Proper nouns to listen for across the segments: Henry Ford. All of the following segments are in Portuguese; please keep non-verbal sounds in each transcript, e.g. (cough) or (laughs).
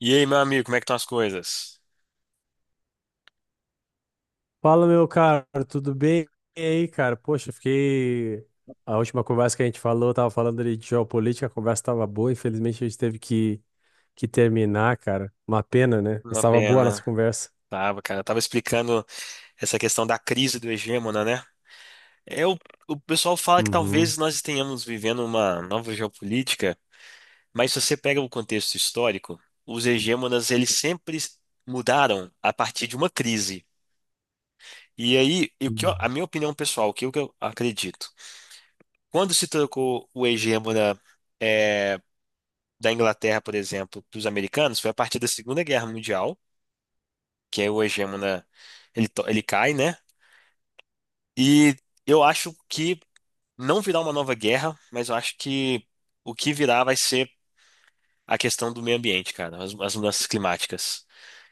E aí, meu amigo, como é que estão as coisas? Fala, meu caro, tudo bem? E aí, cara? Poxa, fiquei. A última conversa que a gente falou, tava falando ali de geopolítica, a conversa tava boa, infelizmente a gente teve que terminar, cara. Uma pena, né? Mas Uma tava boa a nossa pena. conversa. Tava, cara, tava explicando essa questão da crise do hegemona, né? É, o, o pessoal fala que Uhum. talvez nós estejamos vivendo uma nova geopolítica, mas se você pega o contexto histórico, os hegemonas eles sempre mudaram a partir de uma crise. E aí, Uhum. A minha opinião pessoal, o que eu acredito, quando se trocou o hegemona é, da Inglaterra, por exemplo, para os americanos, foi a partir da Segunda Guerra Mundial que é o hegemona, ele cai, né? E eu acho que não virá uma nova guerra, mas eu acho que o que virá vai ser a questão do meio ambiente, cara, as mudanças climáticas.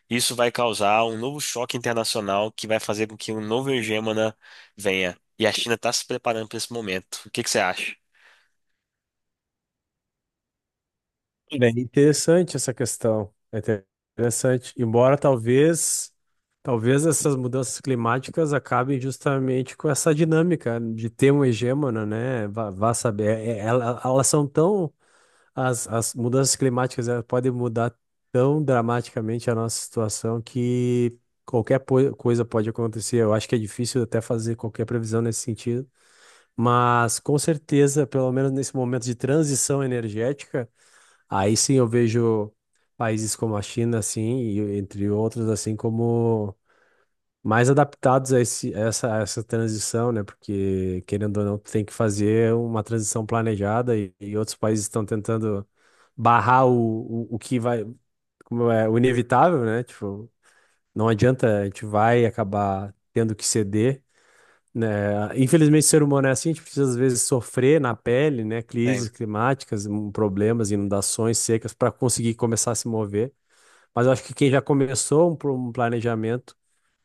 Isso vai causar um novo choque internacional que vai fazer com que um novo hegemona venha. E a China está se preparando para esse momento. O que que você acha? Bem, interessante essa questão. Interessante. Embora talvez essas mudanças climáticas acabem justamente com essa dinâmica de ter um hegemona, né? Vá saber. Elas são tão... As mudanças climáticas, elas podem mudar tão dramaticamente a nossa situação que qualquer coisa pode acontecer. Eu acho que é difícil até fazer qualquer previsão nesse sentido, mas com certeza, pelo menos nesse momento de transição energética, aí sim eu vejo países como a China, assim, e entre outros, assim, como mais adaptados a esse, a essa transição, né? Porque, querendo ou não, tu tem que fazer uma transição planejada e outros países estão tentando barrar o que vai, como é, o inevitável, né? Tipo, não adianta, a gente vai acabar tendo que ceder, né? Infelizmente, o ser humano é assim, a gente precisa, às vezes, sofrer na pele, né? Tem. Crises climáticas, problemas, inundações, secas, para conseguir começar a se mover. Mas eu acho que quem já começou um planejamento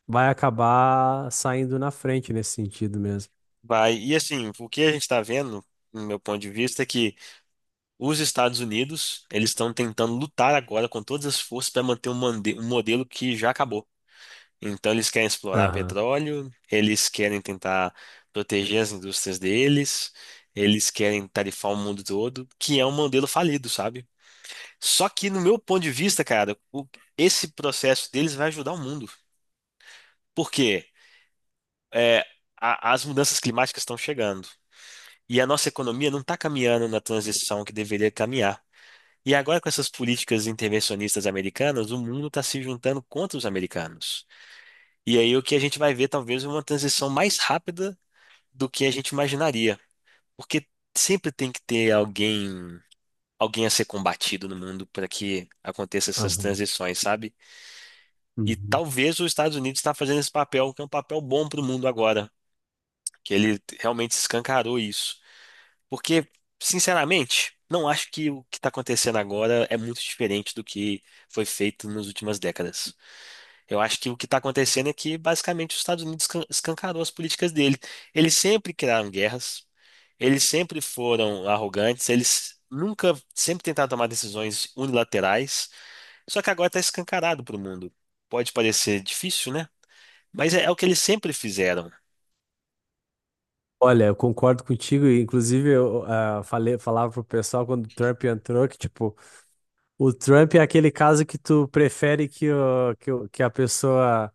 vai acabar saindo na frente nesse sentido mesmo. Vai. E assim, o que a gente está vendo, no meu ponto de vista, é que os Estados Unidos, eles estão tentando lutar agora com todas as forças para manter um modelo que já acabou. Então, eles querem explorar Aham, petróleo, eles querem tentar proteger as indústrias deles, eles querem tarifar o mundo todo, que é um modelo falido, sabe? Só que, no meu ponto de vista, cara, esse processo deles vai ajudar o mundo. Por quê? É, as mudanças climáticas estão chegando. E a nossa economia não está caminhando na transição que deveria caminhar. E agora, com essas políticas intervencionistas americanas, o mundo está se juntando contra os americanos. E aí o que a gente vai ver talvez é uma transição mais rápida do que a gente imaginaria. Porque sempre tem que ter alguém, alguém a ser combatido no mundo para que aconteça essas aham. transições, sabe? E Uhum. talvez os Estados Unidos está fazendo esse papel, que é um papel bom para o mundo agora, que ele realmente escancarou isso. Porque, sinceramente, não acho que o que está acontecendo agora é muito diferente do que foi feito nas últimas décadas. Eu acho que o que está acontecendo é que, basicamente, os Estados Unidos escancarou as políticas dele. Eles sempre criaram guerras, eles sempre foram arrogantes, eles nunca, sempre tentaram tomar decisões unilaterais, só que agora está escancarado para o mundo. Pode parecer difícil, né? Mas é o que eles sempre fizeram. Olha, eu concordo contigo. Inclusive, eu falava pro pessoal quando o Trump entrou que, tipo, o Trump é aquele caso que tu prefere que, o, que, o- que a pessoa.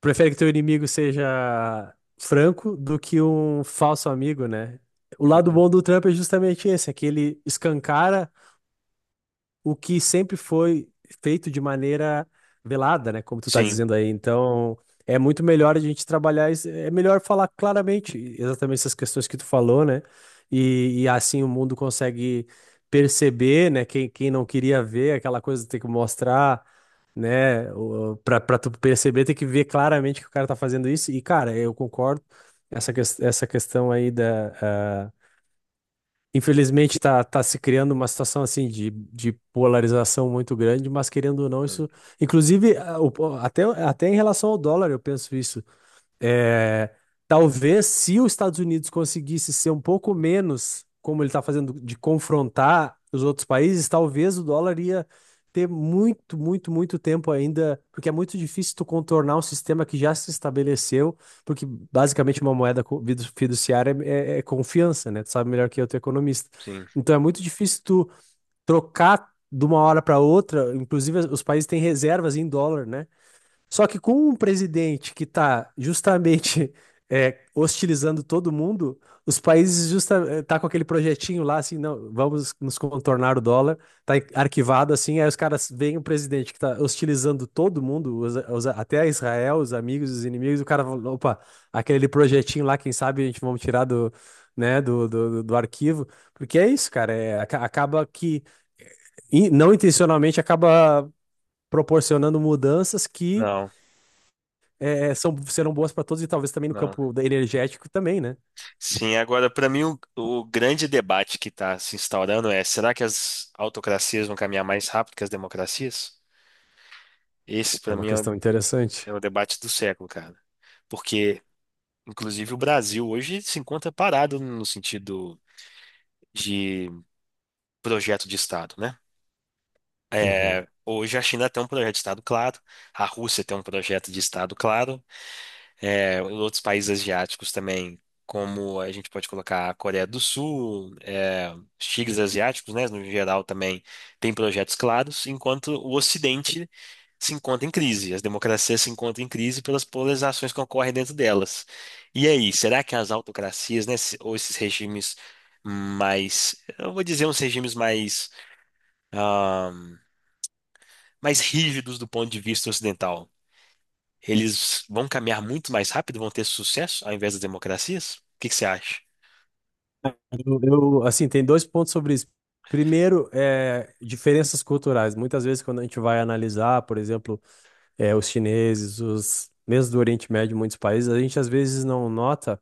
Prefere que teu inimigo seja franco do que um falso amigo, né? O lado bom do Trump é justamente esse, é que ele escancara o que sempre foi feito de maneira velada, né? Como tu tá Sim, dizendo aí. Então, é muito melhor a gente é melhor falar claramente exatamente essas questões que tu falou, né? E assim o mundo consegue perceber, né? Quem não queria ver aquela coisa tem que mostrar. Né? Pra tu perceber, tem que ver claramente que o cara tá fazendo isso. E, cara, eu concordo essa questão aí da, infelizmente está tá tá se criando uma situação assim de polarização muito grande, mas querendo ou não, isso. Inclusive, até, até em relação ao dólar, eu penso isso. É, talvez se os Estados Unidos conseguisse ser um pouco menos, como ele está fazendo, de confrontar os outros países, talvez o dólar ia ter muito, muito, muito tempo ainda, porque é muito difícil tu contornar um sistema que já se estabeleceu, porque basicamente uma fiduciária é confiança, né? Tu sabe melhor que eu, tu é economista. sim. Então é muito difícil tu trocar de uma hora para outra, inclusive os países têm reservas em dólar, né? Só que com um presidente que está justamente (laughs) é, hostilizando todo mundo, os países tá com aquele projetinho lá, assim, não, vamos nos contornar o dólar, tá arquivado assim, aí os caras veem o presidente que está hostilizando todo mundo, até a Israel, os amigos, os inimigos, o cara fala, opa, aquele projetinho lá, quem sabe a gente vamos tirar né, do arquivo, porque é isso, cara, é, acaba que, não intencionalmente, acaba proporcionando mudanças que Não, serão boas para todos e talvez também no não. campo energético também, né? Sim, agora para mim o grande debate que está se instaurando é: será que as autocracias vão caminhar mais rápido que as democracias? Esse É para uma mim é o, questão interessante. é o debate do século, cara. Porque, inclusive, o Brasil hoje se encontra parado no sentido de projeto de Estado, né? Uhum. Hoje a China tem um projeto de Estado claro, a Rússia tem um projeto de Estado claro, outros países asiáticos também, como a gente pode colocar a Coreia do Sul, os tigres asiáticos, né, no geral também tem projetos claros, enquanto o Ocidente se encontra em crise, as democracias se encontram em crise pelas polarizações que ocorrem dentro delas. E aí, será que as autocracias, né, ou esses regimes mais, eu vou dizer uns regimes mais, ah, mais rígidos do ponto de vista ocidental, eles vão caminhar muito mais rápido, vão ter sucesso ao invés das democracias? O que que você acha? Assim, tem dois pontos sobre isso. Primeiro, é, diferenças culturais. Muitas vezes, quando a gente vai analisar, por exemplo, é, os chineses, os mesmo do Oriente Médio, muitos países, a gente às vezes não nota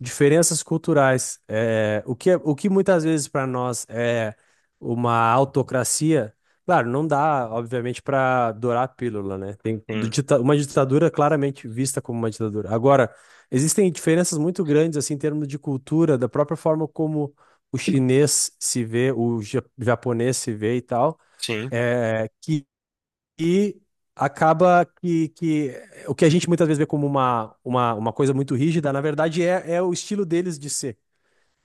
diferenças culturais. O que muitas vezes para nós é uma autocracia, claro, não dá, obviamente, para dourar a pílula, né? Sim, Uma ditadura claramente vista como uma ditadura. Agora, existem diferenças muito grandes, assim, em termos de cultura, da própria forma como o chinês se vê, o japonês se vê e tal, sim. que, que acaba que o que a gente muitas vezes vê como uma coisa muito rígida, na verdade, é o estilo deles de ser.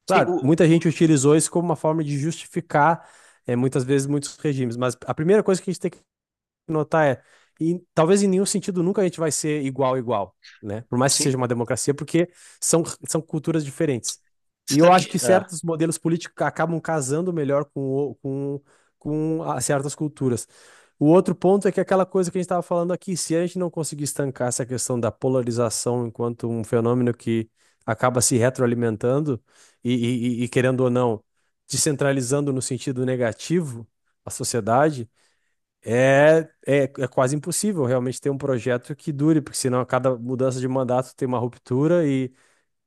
Sim, Claro, muita gente utilizou isso como uma forma de justificar, eh, muitas vezes, muitos regimes, mas a primeira coisa que a gente tem notar é, e talvez em nenhum sentido nunca a gente vai ser igual, igual, né? Por mais que sim. seja uma democracia, porque são, são culturas diferentes. Você E eu sabe acho que que. Ah, certos modelos políticos acabam casando melhor o- com, com a- certas culturas. O outro ponto é que aquela coisa que a gente estava falando aqui: se a gente não conseguir estancar essa questão da polarização enquanto um fenômeno que acaba se retroalimentando e querendo ou não, descentralizando no sentido negativo a sociedade, é, é quase impossível realmente ter um projeto que dure, porque senão a cada mudança de mandato tem uma ruptura e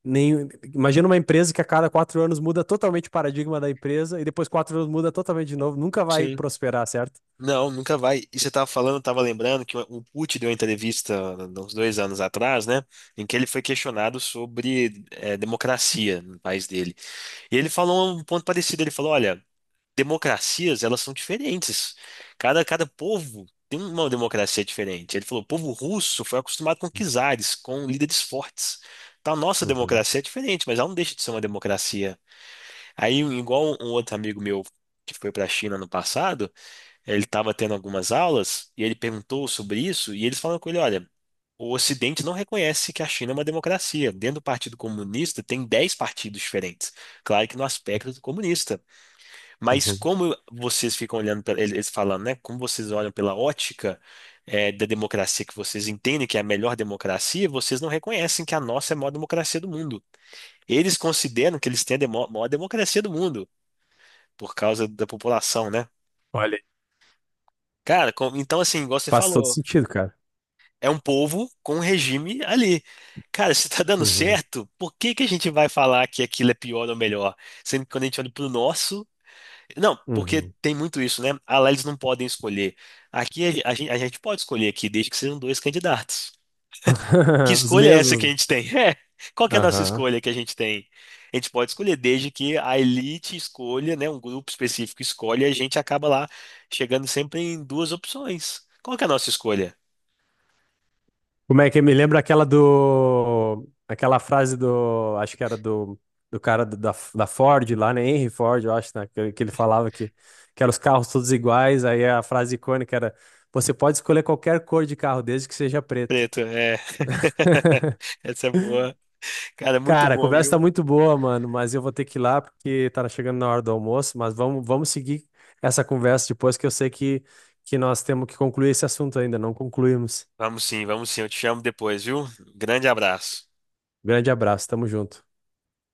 nem... Imagina uma empresa que a cada quatro anos muda totalmente o paradigma da empresa e depois quatro anos muda totalmente de novo, nunca vai sim. prosperar, certo? Não, nunca vai. E você estava falando, estava lembrando que o Putin deu uma entrevista uns 2 anos atrás, né? Em que ele foi questionado sobre democracia no país dele. E ele falou um ponto parecido. Ele falou: olha, democracias, elas são diferentes. Cada povo tem uma democracia diferente. Ele falou, o povo russo foi acostumado com czares, com líderes fortes. Então, a nossa Uhum, democracia é diferente, mas ela não deixa de ser uma democracia. Aí, igual um outro amigo meu que foi para a China no passado, ele estava tendo algumas aulas e ele perguntou sobre isso e eles falaram com ele, olha, o Ocidente não reconhece que a China é uma democracia. Dentro do Partido Comunista tem 10 partidos diferentes. Claro que no aspecto comunista. Mas uhum. como vocês ficam olhando, eles falando, né? Como vocês olham pela ótica da democracia que vocês entendem que é a melhor democracia, vocês não reconhecem que a nossa é a maior democracia do mundo. Eles consideram que eles têm a maior democracia do mundo, por causa da população, né? Olha, aí Cara, então assim, igual você faz todo falou, sentido, cara. é um povo com um regime ali. Cara, se tá dando Uhum, certo, por que que a gente vai falar que aquilo é pior ou melhor? Sendo que quando a gente olha pro nosso. Não, porque uhum. tem muito isso, né? Ah, lá eles não podem escolher. Aqui a gente pode escolher aqui, desde que sejam dois candidatos. Que (laughs) Os escolha é essa mesmos, que a né? gente tem? (laughs) É. Qual que é a nossa escolha que a gente tem? A gente pode escolher, desde que a elite escolha, né? Um grupo específico escolhe, e a gente acaba lá chegando sempre em duas opções. Qual que é a nossa escolha? Como é que me lembra aquela do... Aquela frase do... Acho que era do, do cara da da Ford lá, né? Henry Ford, eu acho, né? Que ele falava que eram os carros todos iguais. Aí a frase icônica era: você pode escolher qualquer cor de carro, desde que seja preto. Preto, é. (laughs) Essa é boa. Cara, muito Cara, a bom, conversa tá viu? muito boa, mano, mas eu vou ter que ir lá porque tá chegando na hora do almoço. Mas vamos seguir essa conversa depois, que eu sei que nós temos que concluir esse assunto ainda, não concluímos. Vamos sim, vamos sim. Eu te chamo depois, viu? Grande abraço. Grande abraço, tamo junto.